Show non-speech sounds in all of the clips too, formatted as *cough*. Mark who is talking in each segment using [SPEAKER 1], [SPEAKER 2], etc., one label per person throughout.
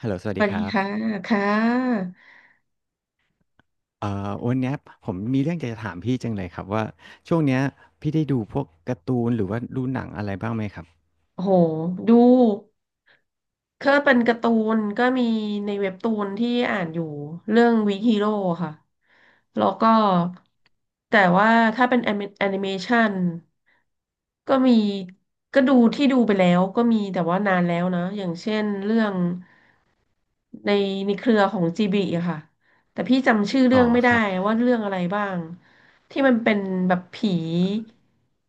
[SPEAKER 1] ฮัลโหลสวัส
[SPEAKER 2] ส
[SPEAKER 1] ดี
[SPEAKER 2] วัส
[SPEAKER 1] ค
[SPEAKER 2] ดี
[SPEAKER 1] รับ
[SPEAKER 2] ค่ะค่ะ
[SPEAKER 1] วันเนี้ยผมมีเรื่องอยากจะถามพี่จังเลยครับว่า ช่วงเนี้ยพี่ได้ดูพวกการ์ตูนหรือว่าดูหนังอะไรบ้างไหมครับ
[SPEAKER 2] โอ้โหดู ก็เป็นการ์ตูนก็มีในเว็บตูนที่อ่านอยู่เรื่องวีฮีโร่ค่ะแล้วก็แต่ว่าถ้าเป็นแอนิเมชันก็มีก็ดูที่ดูไปแล้วก็มีแต่ว่านานแล้วนะอย่างเช่นเรื่องในในเครือของจีบีอะค่ะแต่พี่จำชื่อ
[SPEAKER 1] อ๋
[SPEAKER 2] เรื่
[SPEAKER 1] อ
[SPEAKER 2] องไม่
[SPEAKER 1] ค
[SPEAKER 2] ได้
[SPEAKER 1] รับ
[SPEAKER 2] ว่าเรื่องอะไรบ้างที่มันเป็นแบบผี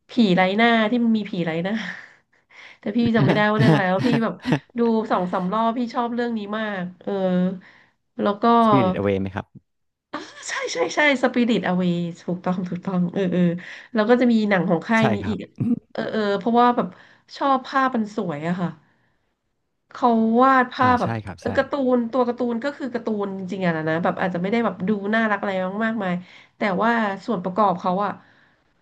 [SPEAKER 2] ผีไร้หน้าที่มันมีผีไร้หน้า *laughs* แต่พี่จำไม่ได้ว่าเรื่องอะไรแล้วพี่แบบ ดู
[SPEAKER 1] *laughs*
[SPEAKER 2] สองสามรอบพี่ชอบเรื่องนี้มากเออแล้วก็
[SPEAKER 1] Spirit Away ไหมครับ
[SPEAKER 2] อ่าใช่ใช่ใช่สปิริตอเวย์ถูกต้องถูกต้องเออเออแล้วก็จะมีหนังของค่าย
[SPEAKER 1] ใช่
[SPEAKER 2] นี้
[SPEAKER 1] ค
[SPEAKER 2] อี
[SPEAKER 1] รั
[SPEAKER 2] ก
[SPEAKER 1] บ
[SPEAKER 2] เออเออเพราะว่าแบบชอบภาพมันสวยอะค่ะเขาวาดภา
[SPEAKER 1] อ่า
[SPEAKER 2] พแบบ
[SPEAKER 1] ใช่ครับ
[SPEAKER 2] เออ
[SPEAKER 1] ใช่
[SPEAKER 2] การ์ตูนตัวการ์ตูนก็คือการ์ตูนจริงๆอะนะนะแบบอาจจะไม่ได้แบบดูน่ารักอะไรมากมายแต่ว่าส่วนประกอบเขาอะ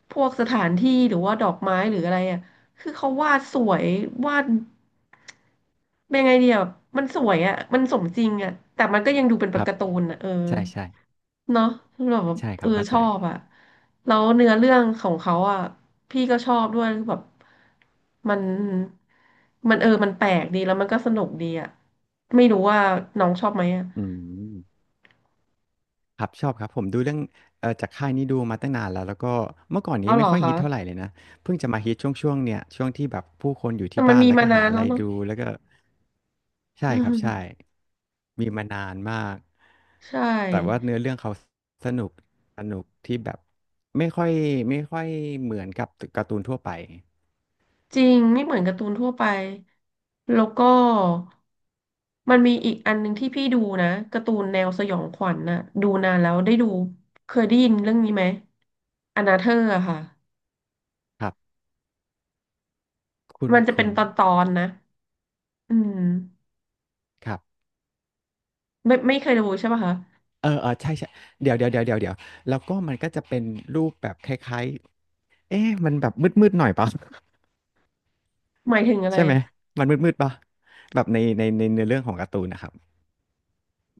[SPEAKER 2] พวกสถานที่หรือว่าดอกไม้หรืออะไรอะคือเขาวาดสวยวาดเป็นไงเดียแบบมันสวยอะมันสมจริงอะแต่มันก็ยังดูเป็น
[SPEAKER 1] ครับ
[SPEAKER 2] การ์ตูนอะเออ
[SPEAKER 1] ใช่ใช่
[SPEAKER 2] เนาะแบบว่า
[SPEAKER 1] ใช่ค
[SPEAKER 2] เอ
[SPEAKER 1] รั
[SPEAKER 2] อ
[SPEAKER 1] บ เข้า
[SPEAKER 2] ช
[SPEAKER 1] ใจ
[SPEAKER 2] อบอ่ะแล้วเนื้อเรื่องของเขาอ่ะพี่ก็ชอบด้วยคือแบบมันมันเออมันแปลกดีแล้วมันก็สนุกดีอ่ะไม่รู้ว่าน้องชอบไหมอ่ะ
[SPEAKER 1] อืม ครับชอบครับผมดูเรื่องจากค่ายนี้ดูมาตั้งนานแล้วแล้วก็เมื่อก่อนนี้
[SPEAKER 2] เอาเหร
[SPEAKER 1] ไม่
[SPEAKER 2] อ
[SPEAKER 1] ค่อยฮิตเท่าไห
[SPEAKER 2] คะ
[SPEAKER 1] ร่เลยนะเพิ่งจะมาฮิตช่วงๆเนี่ยช่วงที่แบบผู้คนอยู่
[SPEAKER 2] แต่
[SPEAKER 1] ที่
[SPEAKER 2] มัน
[SPEAKER 1] บ้าน
[SPEAKER 2] มี
[SPEAKER 1] แล้ว
[SPEAKER 2] มา
[SPEAKER 1] ก็
[SPEAKER 2] นา
[SPEAKER 1] หา
[SPEAKER 2] น
[SPEAKER 1] อะ
[SPEAKER 2] แล้
[SPEAKER 1] ไร
[SPEAKER 2] วเนาะ
[SPEAKER 1] ดูแล้วก็
[SPEAKER 2] *laughs*
[SPEAKER 1] ใช่
[SPEAKER 2] อื
[SPEAKER 1] ครับใช่
[SPEAKER 2] ม
[SPEAKER 1] มีมานานมาก
[SPEAKER 2] ใช่
[SPEAKER 1] แต่ว่าเนื้อเรื่องเขาสนุกสนุกที่แบบไม่ค่อยไม่ค่อยเหมือนกับการ์ตูนทั่วไป
[SPEAKER 2] จริงไม่เหมือนการ์ตูนทั่วไปแล้วก็มันมีอีกอันหนึ่งที่พี่ดูนะการ์ตูนแนวสยองขวัญน่ะดูนานแล้วได้ดูเคยได้ยินเรื่องนี้ไหมอนาเธอร์อะค่ะ
[SPEAKER 1] ครับคุณ
[SPEAKER 2] มันจะเป็
[SPEAKER 1] คุ
[SPEAKER 2] น
[SPEAKER 1] ณ
[SPEAKER 2] ตอนนะอืม
[SPEAKER 1] ครับ
[SPEAKER 2] ไม่เคยดูใช่ป่ะคะ
[SPEAKER 1] เออเออใช่ใช่เดี๋ยวเดี๋ยวเดี๋ยวเดี๋ยวเดี๋ยวแล้วก็มันก็จะเป็นรูปแบบคล้ายๆเอ๊ะมันแบบมืดๆหน่อยเปล่า
[SPEAKER 2] หมายถึงอะไร
[SPEAKER 1] ใช่ไหมมันมืดๆปะแบบในเนื้อเรื่องของการ์ตูนนะครับ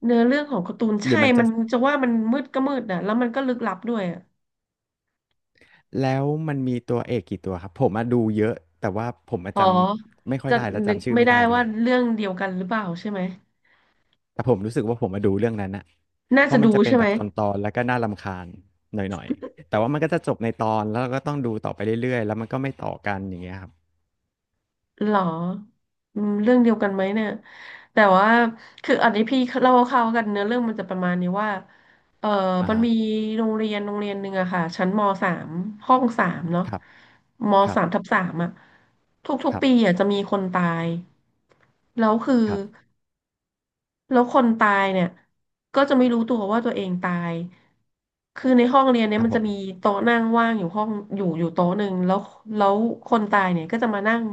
[SPEAKER 2] เนื้อเรื่องของการ์ตูน
[SPEAKER 1] หรื
[SPEAKER 2] ใช่
[SPEAKER 1] อมันจะ
[SPEAKER 2] มันจะว่ามันมืดก็มืดนะแล้วมันก็ลึกลับด้วยอะ
[SPEAKER 1] แล้วมันมีตัวเอกกี่ตัวครับผมมาดูเยอะแต่ว่าผมมา
[SPEAKER 2] อ๋อ
[SPEAKER 1] จำไม่ค่อย
[SPEAKER 2] จะ
[SPEAKER 1] ได้และ
[SPEAKER 2] นึก
[SPEAKER 1] จำชื่อ
[SPEAKER 2] ไม่
[SPEAKER 1] ไม่
[SPEAKER 2] ได้
[SPEAKER 1] ได้ด้
[SPEAKER 2] ว่า
[SPEAKER 1] วย
[SPEAKER 2] เรื่องเดียวกันหรือเปล่าใช่ไหม
[SPEAKER 1] แต่ผมรู้สึกว่าผมมาดูเรื่องนั้นอะ
[SPEAKER 2] น่า
[SPEAKER 1] เพ
[SPEAKER 2] จะ
[SPEAKER 1] ราะมั
[SPEAKER 2] ดู
[SPEAKER 1] นจะเป็น
[SPEAKER 2] ใช่ไห
[SPEAKER 1] แบ
[SPEAKER 2] ม
[SPEAKER 1] บตอนๆแล้วก็น่ารำคาญหน่อยๆแต่ว่ามันก็จะจบในตอนแล้วเราก็ต้องดูต่อไปเรื่อยๆแล้วมันก็ไม่ต่อกันอย่างเงี้ยครับ
[SPEAKER 2] หรออืมเรื่องเดียวกันไหมเนี่ยแต่ว่าคืออันนี้พี่เล่าคร่าวๆกันเนื้อเรื่องมันจะประมาณนี้ว่า เออ
[SPEAKER 1] อ่า
[SPEAKER 2] มัน
[SPEAKER 1] ฮะ
[SPEAKER 2] มีโรงเรียนหนึ่งอะค่ะชั้นมสามห้องสามเนาะ
[SPEAKER 1] ครับ
[SPEAKER 2] ม
[SPEAKER 1] ครั
[SPEAKER 2] สามทั
[SPEAKER 1] บ
[SPEAKER 2] บสามอะทุ
[SPEAKER 1] ค
[SPEAKER 2] ก
[SPEAKER 1] รั
[SPEAKER 2] ๆปี
[SPEAKER 1] บ
[SPEAKER 2] อะจะมีคนตาย แล้วคือ
[SPEAKER 1] ครับ
[SPEAKER 2] แล้วคนตายเนี่ยก็จะไม่รู้ตัวว่าตัวเองตาย คือในห้องเรียนเนี่ย
[SPEAKER 1] ครับ
[SPEAKER 2] มัน
[SPEAKER 1] ผ
[SPEAKER 2] จะ
[SPEAKER 1] ม
[SPEAKER 2] มีโต๊ะนั่งว่างอยู่ห้องอยู่อยู่โต๊ะหนึ่งแล้วแล้วคนตายเนี่ยก็จะมานั่ง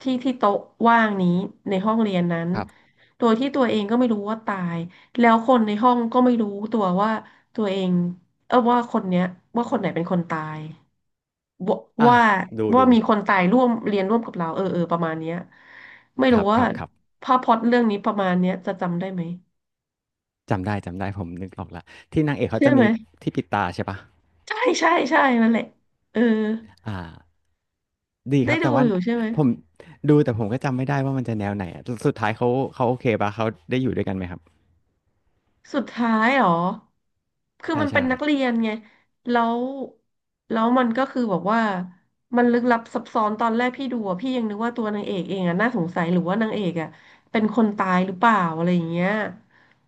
[SPEAKER 2] ที่โต๊ะว่างนี้ในห้องเรียนนั้น
[SPEAKER 1] ครับ
[SPEAKER 2] โดยที่ตัวเองก็ไม่รู้ว่าตายแล้วคนในห้องก็ไม่รู้ตัวว่าตัวเองเออว่าคนเนี้ยว่าคนไหนเป็นคนตาย ว
[SPEAKER 1] อ่ะ
[SPEAKER 2] ว่า
[SPEAKER 1] ดู
[SPEAKER 2] ว่า
[SPEAKER 1] ดู
[SPEAKER 2] มีคนตายร่วมเรียนร่วมกับเราเออเออประมาณเนี้ยไม่
[SPEAKER 1] ค
[SPEAKER 2] รู้
[SPEAKER 1] รับค
[SPEAKER 2] ว่า
[SPEAKER 1] รับครับ
[SPEAKER 2] ภาพพล็อตเรื่องนี้ประมาณเนี้ยจะจำได้ไหม
[SPEAKER 1] จำได้จำได้ผมนึกออกละที่นางเอกเขา
[SPEAKER 2] เชื่อ
[SPEAKER 1] จะ
[SPEAKER 2] ไห
[SPEAKER 1] มี
[SPEAKER 2] ม
[SPEAKER 1] ที่ปิดตาใช่ปะ
[SPEAKER 2] ใช่ใช่ใช่นั่นแหละเออ
[SPEAKER 1] อ่าดีค
[SPEAKER 2] ได้
[SPEAKER 1] รับ
[SPEAKER 2] ดู
[SPEAKER 1] แต่ว่า
[SPEAKER 2] อยู่ใช่ไหม
[SPEAKER 1] ผมดูแต่ผมก็จำไม่ได้ว่ามันจะแนวไหนอะสุดท้ายเขาเขาโอเคปะเขาได้อยู่ด้วยกันไหมครับ
[SPEAKER 2] สุดท้ายเหรอคือ
[SPEAKER 1] ใช่
[SPEAKER 2] มันเป็
[SPEAKER 1] ใช่
[SPEAKER 2] นนักเรียนไง แล้วแล้วมันก็คือแบบว่า มันลึกลับซับซ้อนตอนแรกพี่ดูอะพี่ยังนึกว่าตัวนางเอกเองอะน่าสงสัย หรือว่านางเอกอะเป็นคนตายหรือเปล่าอะไรอย่างเงี้ย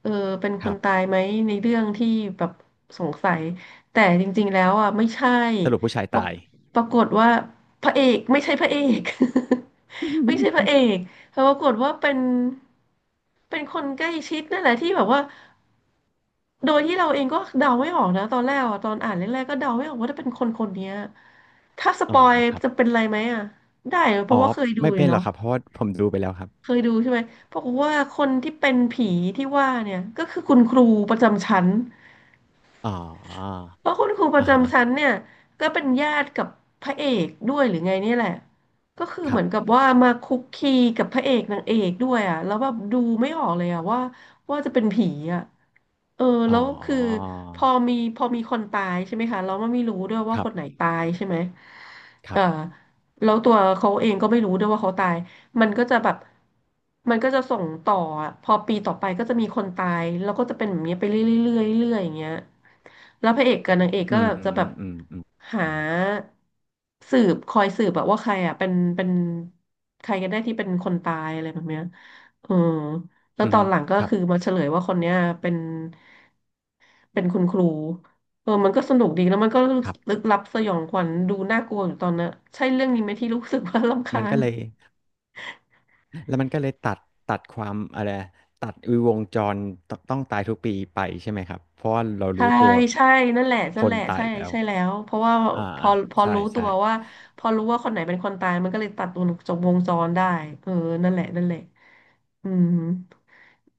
[SPEAKER 2] เออเป็น
[SPEAKER 1] ค
[SPEAKER 2] ค
[SPEAKER 1] รั
[SPEAKER 2] น
[SPEAKER 1] บ
[SPEAKER 2] ตายไหมในเรื่องที่แบบสงสัย แต่จริงๆแล้วอะไม่ใช่
[SPEAKER 1] สรุปผู้ชาย
[SPEAKER 2] ปราก
[SPEAKER 1] ตาย
[SPEAKER 2] ปรากฏว่าพระเอกไม่ใช่พระเอก *laughs* ไม่ใช่พระเอกแต่ปรากฏว่าเป็นเป็นคนใกล้ชิดนั่นแหละที่แบบว่า โดยที่เราเองก็เดาไม่ออกนะตอนแรกอะตอนอ่านแรกๆก็เดาไม่ออกว่าจะเป็นคนคนเนี้ยถ้าส
[SPEAKER 1] *laughs* อ๋
[SPEAKER 2] ป
[SPEAKER 1] อ
[SPEAKER 2] อย
[SPEAKER 1] ครั
[SPEAKER 2] จะเป็
[SPEAKER 1] บ
[SPEAKER 2] นอะไรไหมอ่ะได้เหรอเพ
[SPEAKER 1] อ๋อ
[SPEAKER 2] ราะว่าเคยดู
[SPEAKER 1] ไม่
[SPEAKER 2] เลย
[SPEAKER 1] เป็นหรอ
[SPEAKER 2] เนาะ
[SPEAKER 1] กครับเพราะว่าผมดูไปแล้วครับ
[SPEAKER 2] เคยดูใช่ไหมปรากฏว่าคนที่เป็นผีที่ว่าเนี่ยก็คือคุณครูประจำชั้น
[SPEAKER 1] อ๋อ
[SPEAKER 2] เพราะคุณครูป
[SPEAKER 1] อ่า
[SPEAKER 2] ระ
[SPEAKER 1] ฮะ
[SPEAKER 2] จำชั้นเนี่ยก็เป็นญาติกับพระเอกด้วยหรือไงเนี่ยแหละก็คือ
[SPEAKER 1] ค
[SPEAKER 2] เห
[SPEAKER 1] รั
[SPEAKER 2] มือนกับ
[SPEAKER 1] บ
[SPEAKER 2] ว่ามาคุกคีกับพระเอกนางเอกด้วยอ่ะแล้วแบบดูไม่ออกเลยอ่ะว่าจะเป็นผีอ่ะเออ
[SPEAKER 1] อ๋อ
[SPEAKER 2] แล้วคือพอมีคนตายใช่ไหมคะเราไม่รู้ด้วยว่า
[SPEAKER 1] ครั
[SPEAKER 2] ค
[SPEAKER 1] บ
[SPEAKER 2] นไหนตายใช่ไหม
[SPEAKER 1] ค
[SPEAKER 2] เอ
[SPEAKER 1] รั
[SPEAKER 2] อ
[SPEAKER 1] บ
[SPEAKER 2] แล้วตัวเขาเองก็ไม่รู้ด้วยว่าเขาตาย มันก็จะแบบมันก็จะส่งต่ออะพอปีต่อไปก็จะมีคนตายแล้วก็จะเป็นแบบนี้ไปเรื่อยๆเรื่อยๆเรื่อยๆอย่างเงี้ยแล้วพระเอกกับนางเอก
[SPEAKER 1] อื
[SPEAKER 2] ก็
[SPEAKER 1] ม
[SPEAKER 2] แบบ
[SPEAKER 1] อื
[SPEAKER 2] จะ
[SPEAKER 1] ม
[SPEAKER 2] แบบ
[SPEAKER 1] อืมอืม
[SPEAKER 2] หาคอยสืบแบบว่าใครอ่ะเป็นใครกันแน่ที่เป็นคนตายอะไรแบบเนี้ยเออแล้
[SPEAKER 1] อื
[SPEAKER 2] วตอ
[SPEAKER 1] ม
[SPEAKER 2] นหลังก็
[SPEAKER 1] ครับ
[SPEAKER 2] คือมาเฉลยว่าคนเนี้ยเป็นเป็นคุณครูเออมันก็สนุกดีแล้วมันก็
[SPEAKER 1] ครั
[SPEAKER 2] ลึ
[SPEAKER 1] บ
[SPEAKER 2] กลับสยองขวัญดูน่ากลัวอยู่ตอนนั้นใช่เรื่องนี้ไหมที่รู้สึกว่า *laughs* รำ
[SPEAKER 1] มั
[SPEAKER 2] คา
[SPEAKER 1] นก็
[SPEAKER 2] ญ
[SPEAKER 1] เลย แล้วมันก็เลยตัดตัดความอะไรตัดวงจรตต้องตายทุกปีไปใช่ไหมครับเพราะว่าเรา
[SPEAKER 2] ใช่
[SPEAKER 1] รู้ตัว
[SPEAKER 2] ใช่นั่นแหละ
[SPEAKER 1] ค
[SPEAKER 2] นั่นแห
[SPEAKER 1] น
[SPEAKER 2] ละ
[SPEAKER 1] ตาย
[SPEAKER 2] ใช่
[SPEAKER 1] แล้ว
[SPEAKER 2] ใช่แล้วเพราะว่า
[SPEAKER 1] อ่า
[SPEAKER 2] พอ
[SPEAKER 1] อ่า
[SPEAKER 2] พอ
[SPEAKER 1] ใช่
[SPEAKER 2] รู้ตั
[SPEAKER 1] ใช่
[SPEAKER 2] วว่าพอรู้ว่าคนไหนเป็นคนตายมันก็เลยตัดวงจรได้เออนั่นแหละนั่นแหละอืม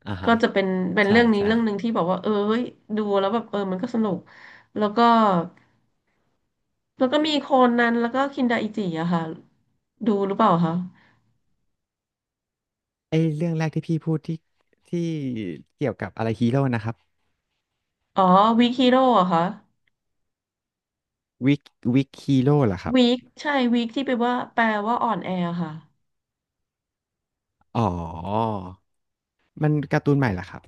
[SPEAKER 1] อ่า
[SPEAKER 2] ก็
[SPEAKER 1] ฮะ
[SPEAKER 2] จะเป็น
[SPEAKER 1] ใช่
[SPEAKER 2] เรื่องนี้
[SPEAKER 1] ใช่
[SPEAKER 2] เรื่องหนึ่งที่บอกว่าเออเฮ้ยดูแล้วแบบเออมันก็สนุกแล้วก็มีโคนันแล้วก็คินดาอิจิอะค่ะดูหรือเปล่าคะ
[SPEAKER 1] ไอเรื่องแรกที่พี่พูดที่เกี่ยวกับอะไรฮีโร่นะครับ
[SPEAKER 2] อ๋อวีคฮีโร่อะค่ะ
[SPEAKER 1] วิกวิกฮีโร่เหรอครับ
[SPEAKER 2] วีคใช่วีคที่แปลว่าอ่อนแอค่ะ
[SPEAKER 1] อ๋อมันการ์ตูนใหม่เหรอครับ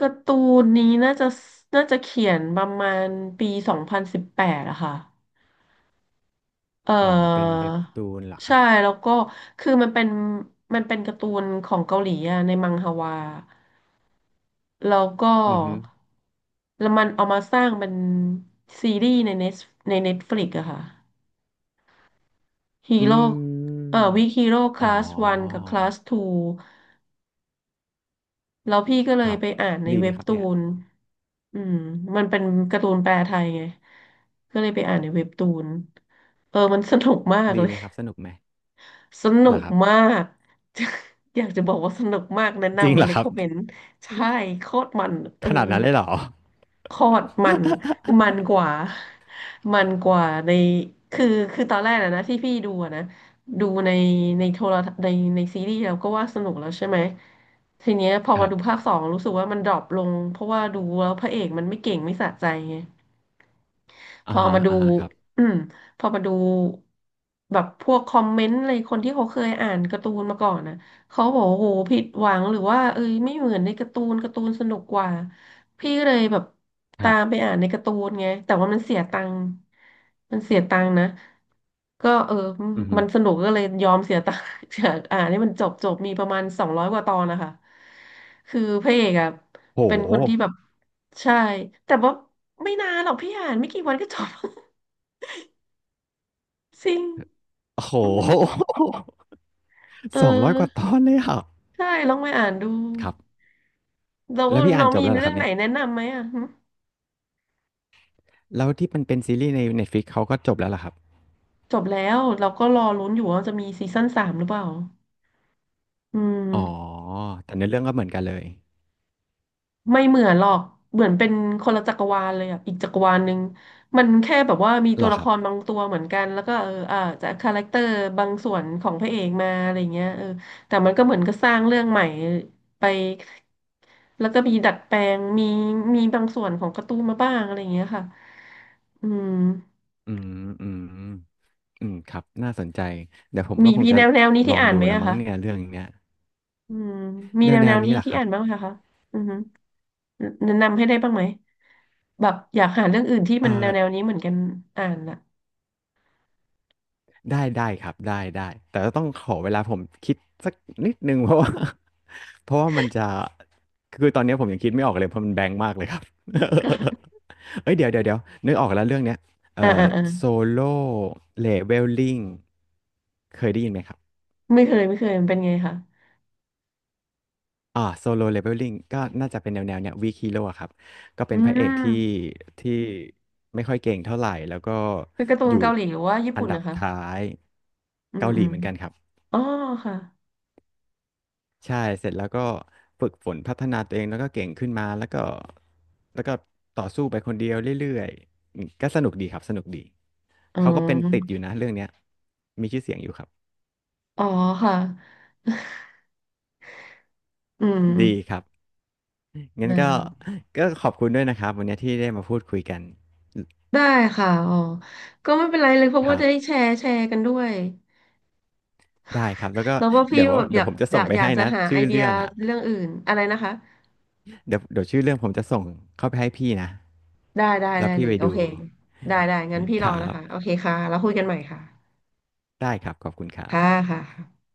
[SPEAKER 2] การ์ตูนนี้น่าจะเขียนประมาณปี2018อะค่ะ เออ
[SPEAKER 1] อ๋อเป็นเว็บตูนเหรอค
[SPEAKER 2] ใช่
[SPEAKER 1] รับ
[SPEAKER 2] แล้วก็คือมันเป็นการ์ตูนของเกาหลีอะในมังฮวาแล้วก็
[SPEAKER 1] อือฮึ
[SPEAKER 2] แล้วมันเอามาสร้างเป็นซีรีส์ในเน็ตฟลิกอะค่ะฮี
[SPEAKER 1] อื
[SPEAKER 2] โร่
[SPEAKER 1] ม
[SPEAKER 2] วิกฮีโร่ค
[SPEAKER 1] อ๋อ
[SPEAKER 2] ลาสวันกับคลาสทู แล้วพี่ก็เล
[SPEAKER 1] ค
[SPEAKER 2] ย
[SPEAKER 1] รับ
[SPEAKER 2] ไปอ่านใน
[SPEAKER 1] ดีไห
[SPEAKER 2] เว็
[SPEAKER 1] ม
[SPEAKER 2] บ
[SPEAKER 1] ครับ
[SPEAKER 2] ตู
[SPEAKER 1] เนี่ย
[SPEAKER 2] นอืมมันเป็นการ์ตูนแปลไทยไงก็เลยไปอ่านในเว็บตูนเออมันสนุกมาก
[SPEAKER 1] ดี
[SPEAKER 2] เล
[SPEAKER 1] ไห
[SPEAKER 2] ย
[SPEAKER 1] มครับสนุกไหม
[SPEAKER 2] สนุ
[SPEAKER 1] เหรอ
[SPEAKER 2] ก
[SPEAKER 1] ครับ
[SPEAKER 2] มาก *laughs* อยากจะบอกว่าสนุกมากแนะ
[SPEAKER 1] จริง
[SPEAKER 2] นำมา
[SPEAKER 1] เหรอ
[SPEAKER 2] เลย
[SPEAKER 1] ครั
[SPEAKER 2] ค
[SPEAKER 1] บ
[SPEAKER 2] อมเมนต์ใช่โคตรมันเอ
[SPEAKER 1] ข
[SPEAKER 2] อ
[SPEAKER 1] นาดนั้นเลยเหรอ
[SPEAKER 2] โคตรมันมันกว่า
[SPEAKER 1] *laughs*
[SPEAKER 2] *laughs* มันกว่าในคือคือตอนแรกนะที่พี่ดูอะนะดูในโทรทัศน์ในซีรีส์แล้วก็ว่าสนุกแล้วใช่ไหมทีเนี้ยพอ
[SPEAKER 1] ค
[SPEAKER 2] มา
[SPEAKER 1] รั
[SPEAKER 2] ดูภา
[SPEAKER 1] บ
[SPEAKER 2] คสองรู้สึกว่ามันดรอปลงเพราะว่าดูแล้วพระเอกมันไม่เก่งไม่สะใจไง พ
[SPEAKER 1] อ่า
[SPEAKER 2] อ
[SPEAKER 1] ฮะ
[SPEAKER 2] มาดู
[SPEAKER 1] อ่าฮะครับ
[SPEAKER 2] อืมพอมาดูแบบพวกคอมเมนต์อะไรคนที่เขาเคยอ่านการ์ตูนมาก่อนนะเขาบอกว่าโอ้โหผิดหวังหรือว่าเอ้ยไม่เหมือนในการ์ตูนการ์ตูนสนุกกว่าพี่ก็เลยแบบ
[SPEAKER 1] ค
[SPEAKER 2] ตา
[SPEAKER 1] รั
[SPEAKER 2] มไป
[SPEAKER 1] บ
[SPEAKER 2] อ่านในการ์ตูนไงแต่ว่ามันเสียตังค์มันเสียตังค์นะก็เออ
[SPEAKER 1] อือฮึ
[SPEAKER 2] มันสนุกก็เลยยอมเสียตังค์ *laughs* อยากอ่านให้มันจบจบมีประมาณ200กว่าตอนนะคะคือพระเอกอะ
[SPEAKER 1] โห
[SPEAKER 2] เป็นคนที่แบบ ใช่แต่ว่าไม่นานหรอกพี่อ่านไม่กี่วันก็จบ *laughs* จริง
[SPEAKER 1] โอ้โห
[SPEAKER 2] อืมเอ
[SPEAKER 1] *laughs* 200กว่าต
[SPEAKER 2] อ
[SPEAKER 1] อนเลยอ่ะ
[SPEAKER 2] ใช่ลองไปอ่านดู
[SPEAKER 1] ครับ
[SPEAKER 2] แล้ว
[SPEAKER 1] แล้วพี่อ่า
[SPEAKER 2] น้อ
[SPEAKER 1] น
[SPEAKER 2] ง
[SPEAKER 1] จ
[SPEAKER 2] มี
[SPEAKER 1] บแล้วเหรอ
[SPEAKER 2] เรื่
[SPEAKER 1] ค
[SPEAKER 2] อ
[SPEAKER 1] รั
[SPEAKER 2] ง
[SPEAKER 1] บ
[SPEAKER 2] ไหน
[SPEAKER 1] เนี่ย
[SPEAKER 2] แนะนำไหมอ่ะหึ
[SPEAKER 1] แล้วที่มันเป็นซีรีส์ใน Netflix เขาก็จบแล้วเหรอครับ
[SPEAKER 2] จบแล้วเราก็รอลุ้นอยู่ว่าจะมีซีซั่น3หรือเปล่าอื
[SPEAKER 1] อ๋อ
[SPEAKER 2] ม
[SPEAKER 1] แต่ในอเรื่องก็เหมือนกันเลย
[SPEAKER 2] ไม่เหมือนหรอก เหมือนเป็นคนละจักรวาลเลยอ่ะอีกจักรวาลหนึ่งมันแค่แบบว่ามี
[SPEAKER 1] เห
[SPEAKER 2] ตั
[SPEAKER 1] ร
[SPEAKER 2] ว
[SPEAKER 1] อ
[SPEAKER 2] ละ
[SPEAKER 1] ค
[SPEAKER 2] ค
[SPEAKER 1] รับ
[SPEAKER 2] รบางตัวเหมือนกัน แล้วก็เอออาจจะคาแรคเตอร์บางส่วนของพระเอกมาอะไรเงี้ยเออแต่มันก็เหมือนก็สร้างเรื่องใหม่ไปแล้วก็มีดัดแปลงมีบางส่วนของการ์ตูนมาบ้างอะไรเงี้ยค่ะอืม
[SPEAKER 1] อืมอืมอืมครับน่าสนใจเดี๋ยวผมก็
[SPEAKER 2] มี
[SPEAKER 1] คง
[SPEAKER 2] พี่
[SPEAKER 1] จะ
[SPEAKER 2] แนวแนวนี้
[SPEAKER 1] ล
[SPEAKER 2] ที่
[SPEAKER 1] อง
[SPEAKER 2] อ่าน
[SPEAKER 1] ดู
[SPEAKER 2] ไหม
[SPEAKER 1] ละ
[SPEAKER 2] อะ
[SPEAKER 1] มั้ง
[SPEAKER 2] คะ
[SPEAKER 1] เนี่ยเรื่องเนี้ย
[SPEAKER 2] อืมมี
[SPEAKER 1] แน
[SPEAKER 2] แน
[SPEAKER 1] ว
[SPEAKER 2] ว
[SPEAKER 1] แน
[SPEAKER 2] แน
[SPEAKER 1] ว
[SPEAKER 2] ว
[SPEAKER 1] นี้
[SPEAKER 2] นี้
[SPEAKER 1] แหละ
[SPEAKER 2] ที่
[SPEAKER 1] ครั
[SPEAKER 2] อ่า
[SPEAKER 1] บ
[SPEAKER 2] นบ้างไหมคะอือฮึแนะนำให้ได้บ้างไหมแบบอยากหาเรื่องอื่นที่
[SPEAKER 1] เอ่อ
[SPEAKER 2] มันแนวแนวนี้เหมือนกันอ่านอะ
[SPEAKER 1] ได้ได้ครับได้ได้แต่ก็ต้องขอเวลาผมคิดสักนิดนึง *laughs* เพราะว่า *laughs* เพราะว่ามันจะคือตอนนี้ผมยังคิดไม่ออกเลยเพราะมันแบงค์มากเลยครับ
[SPEAKER 2] อ่า
[SPEAKER 1] *laughs* เอ้ยเดี๋ยวนึกออกแล้วเรื่องเนี้ยเอ่อ
[SPEAKER 2] อ่าอ่า
[SPEAKER 1] โซโล่เลเวลลิ่งเคยได้ยินไหมครับ
[SPEAKER 2] ไม่เคยไม่เคยมันเป็นไงคะ
[SPEAKER 1] อ่าโซโลเลเวลลิ่งก็น่าจะเป็นแนวแนวเนี้ยวีคิีโร่ครับก็เป็
[SPEAKER 2] อื
[SPEAKER 1] นพระ
[SPEAKER 2] ม
[SPEAKER 1] เอกที่ไม่ค่อยเก่งเท่าไหร่แล้วก็
[SPEAKER 2] เป็นการ์ตู
[SPEAKER 1] อ
[SPEAKER 2] น
[SPEAKER 1] ยู่
[SPEAKER 2] เกาหลีหรือว่าญี่
[SPEAKER 1] อัน
[SPEAKER 2] ปุ่น
[SPEAKER 1] ดับ
[SPEAKER 2] นะคะ
[SPEAKER 1] ท้าย
[SPEAKER 2] อืม
[SPEAKER 1] เกาห
[SPEAKER 2] อื
[SPEAKER 1] ลี
[SPEAKER 2] ม
[SPEAKER 1] เหมือนกันครับ
[SPEAKER 2] อ๋อค่ะ
[SPEAKER 1] ใช่เสร็จแล้วก็ฝึกฝนพัฒนาตัวเองแล้วก็เก่งขึ้นมาแล้วก็ต่อสู้ไปคนเดียวเรื่อยๆอืมก็สนุกดีครับสนุกดี
[SPEAKER 2] อ๋
[SPEAKER 1] เขาก็เป็นติด
[SPEAKER 2] อ
[SPEAKER 1] อยู่นะเรื่องเนี้ยมีชื่อเสียงอยู่ครับ
[SPEAKER 2] อ๋อค่ะ *laughs* อืม
[SPEAKER 1] ดีครับงั้น
[SPEAKER 2] ได้
[SPEAKER 1] ก็ก็ขอบคุณด้วยนะครับวันนี้ที่ได้มาพูดคุยกัน
[SPEAKER 2] ได้ค่ะอ๋อก็ไม่เป็นไรเลยเพราะ
[SPEAKER 1] ค
[SPEAKER 2] ว่า
[SPEAKER 1] รับ
[SPEAKER 2] ได้แชร์แชร์กันด้วย
[SPEAKER 1] ได้ครับแล้วก็
[SPEAKER 2] แล้วก็พี่
[SPEAKER 1] เดี๋ยว
[SPEAKER 2] ก็แบบอ
[SPEAKER 1] เดี๋ย
[SPEAKER 2] ยา
[SPEAKER 1] ว
[SPEAKER 2] ก
[SPEAKER 1] ผมจะ
[SPEAKER 2] อ
[SPEAKER 1] ส่
[SPEAKER 2] ยา
[SPEAKER 1] ง
[SPEAKER 2] ก
[SPEAKER 1] ไป
[SPEAKER 2] อยาก
[SPEAKER 1] ให้
[SPEAKER 2] จะ
[SPEAKER 1] นะ
[SPEAKER 2] หาไอ
[SPEAKER 1] ชื่อ
[SPEAKER 2] เดีย
[SPEAKER 1] เรื่องอ่ะ
[SPEAKER 2] เรื่องอื่นอะไรนะคะ
[SPEAKER 1] เดี๋ยวชื่อเรื่องผมจะส่งเข้าไปให้พี่นะ
[SPEAKER 2] ได้ได้
[SPEAKER 1] แล้
[SPEAKER 2] ได้
[SPEAKER 1] วพี่
[SPEAKER 2] เล
[SPEAKER 1] ไป
[SPEAKER 2] ยโอ
[SPEAKER 1] ดู
[SPEAKER 2] เคได้ได้งั้นพี่
[SPEAKER 1] ค
[SPEAKER 2] รอ
[SPEAKER 1] รั
[SPEAKER 2] นะคะโอ
[SPEAKER 1] บ
[SPEAKER 2] เคค่ะแล้วคุยกันใหม่ค่ะ
[SPEAKER 1] ได้ครับขอบคุณครับ
[SPEAKER 2] ค่ะค่ะ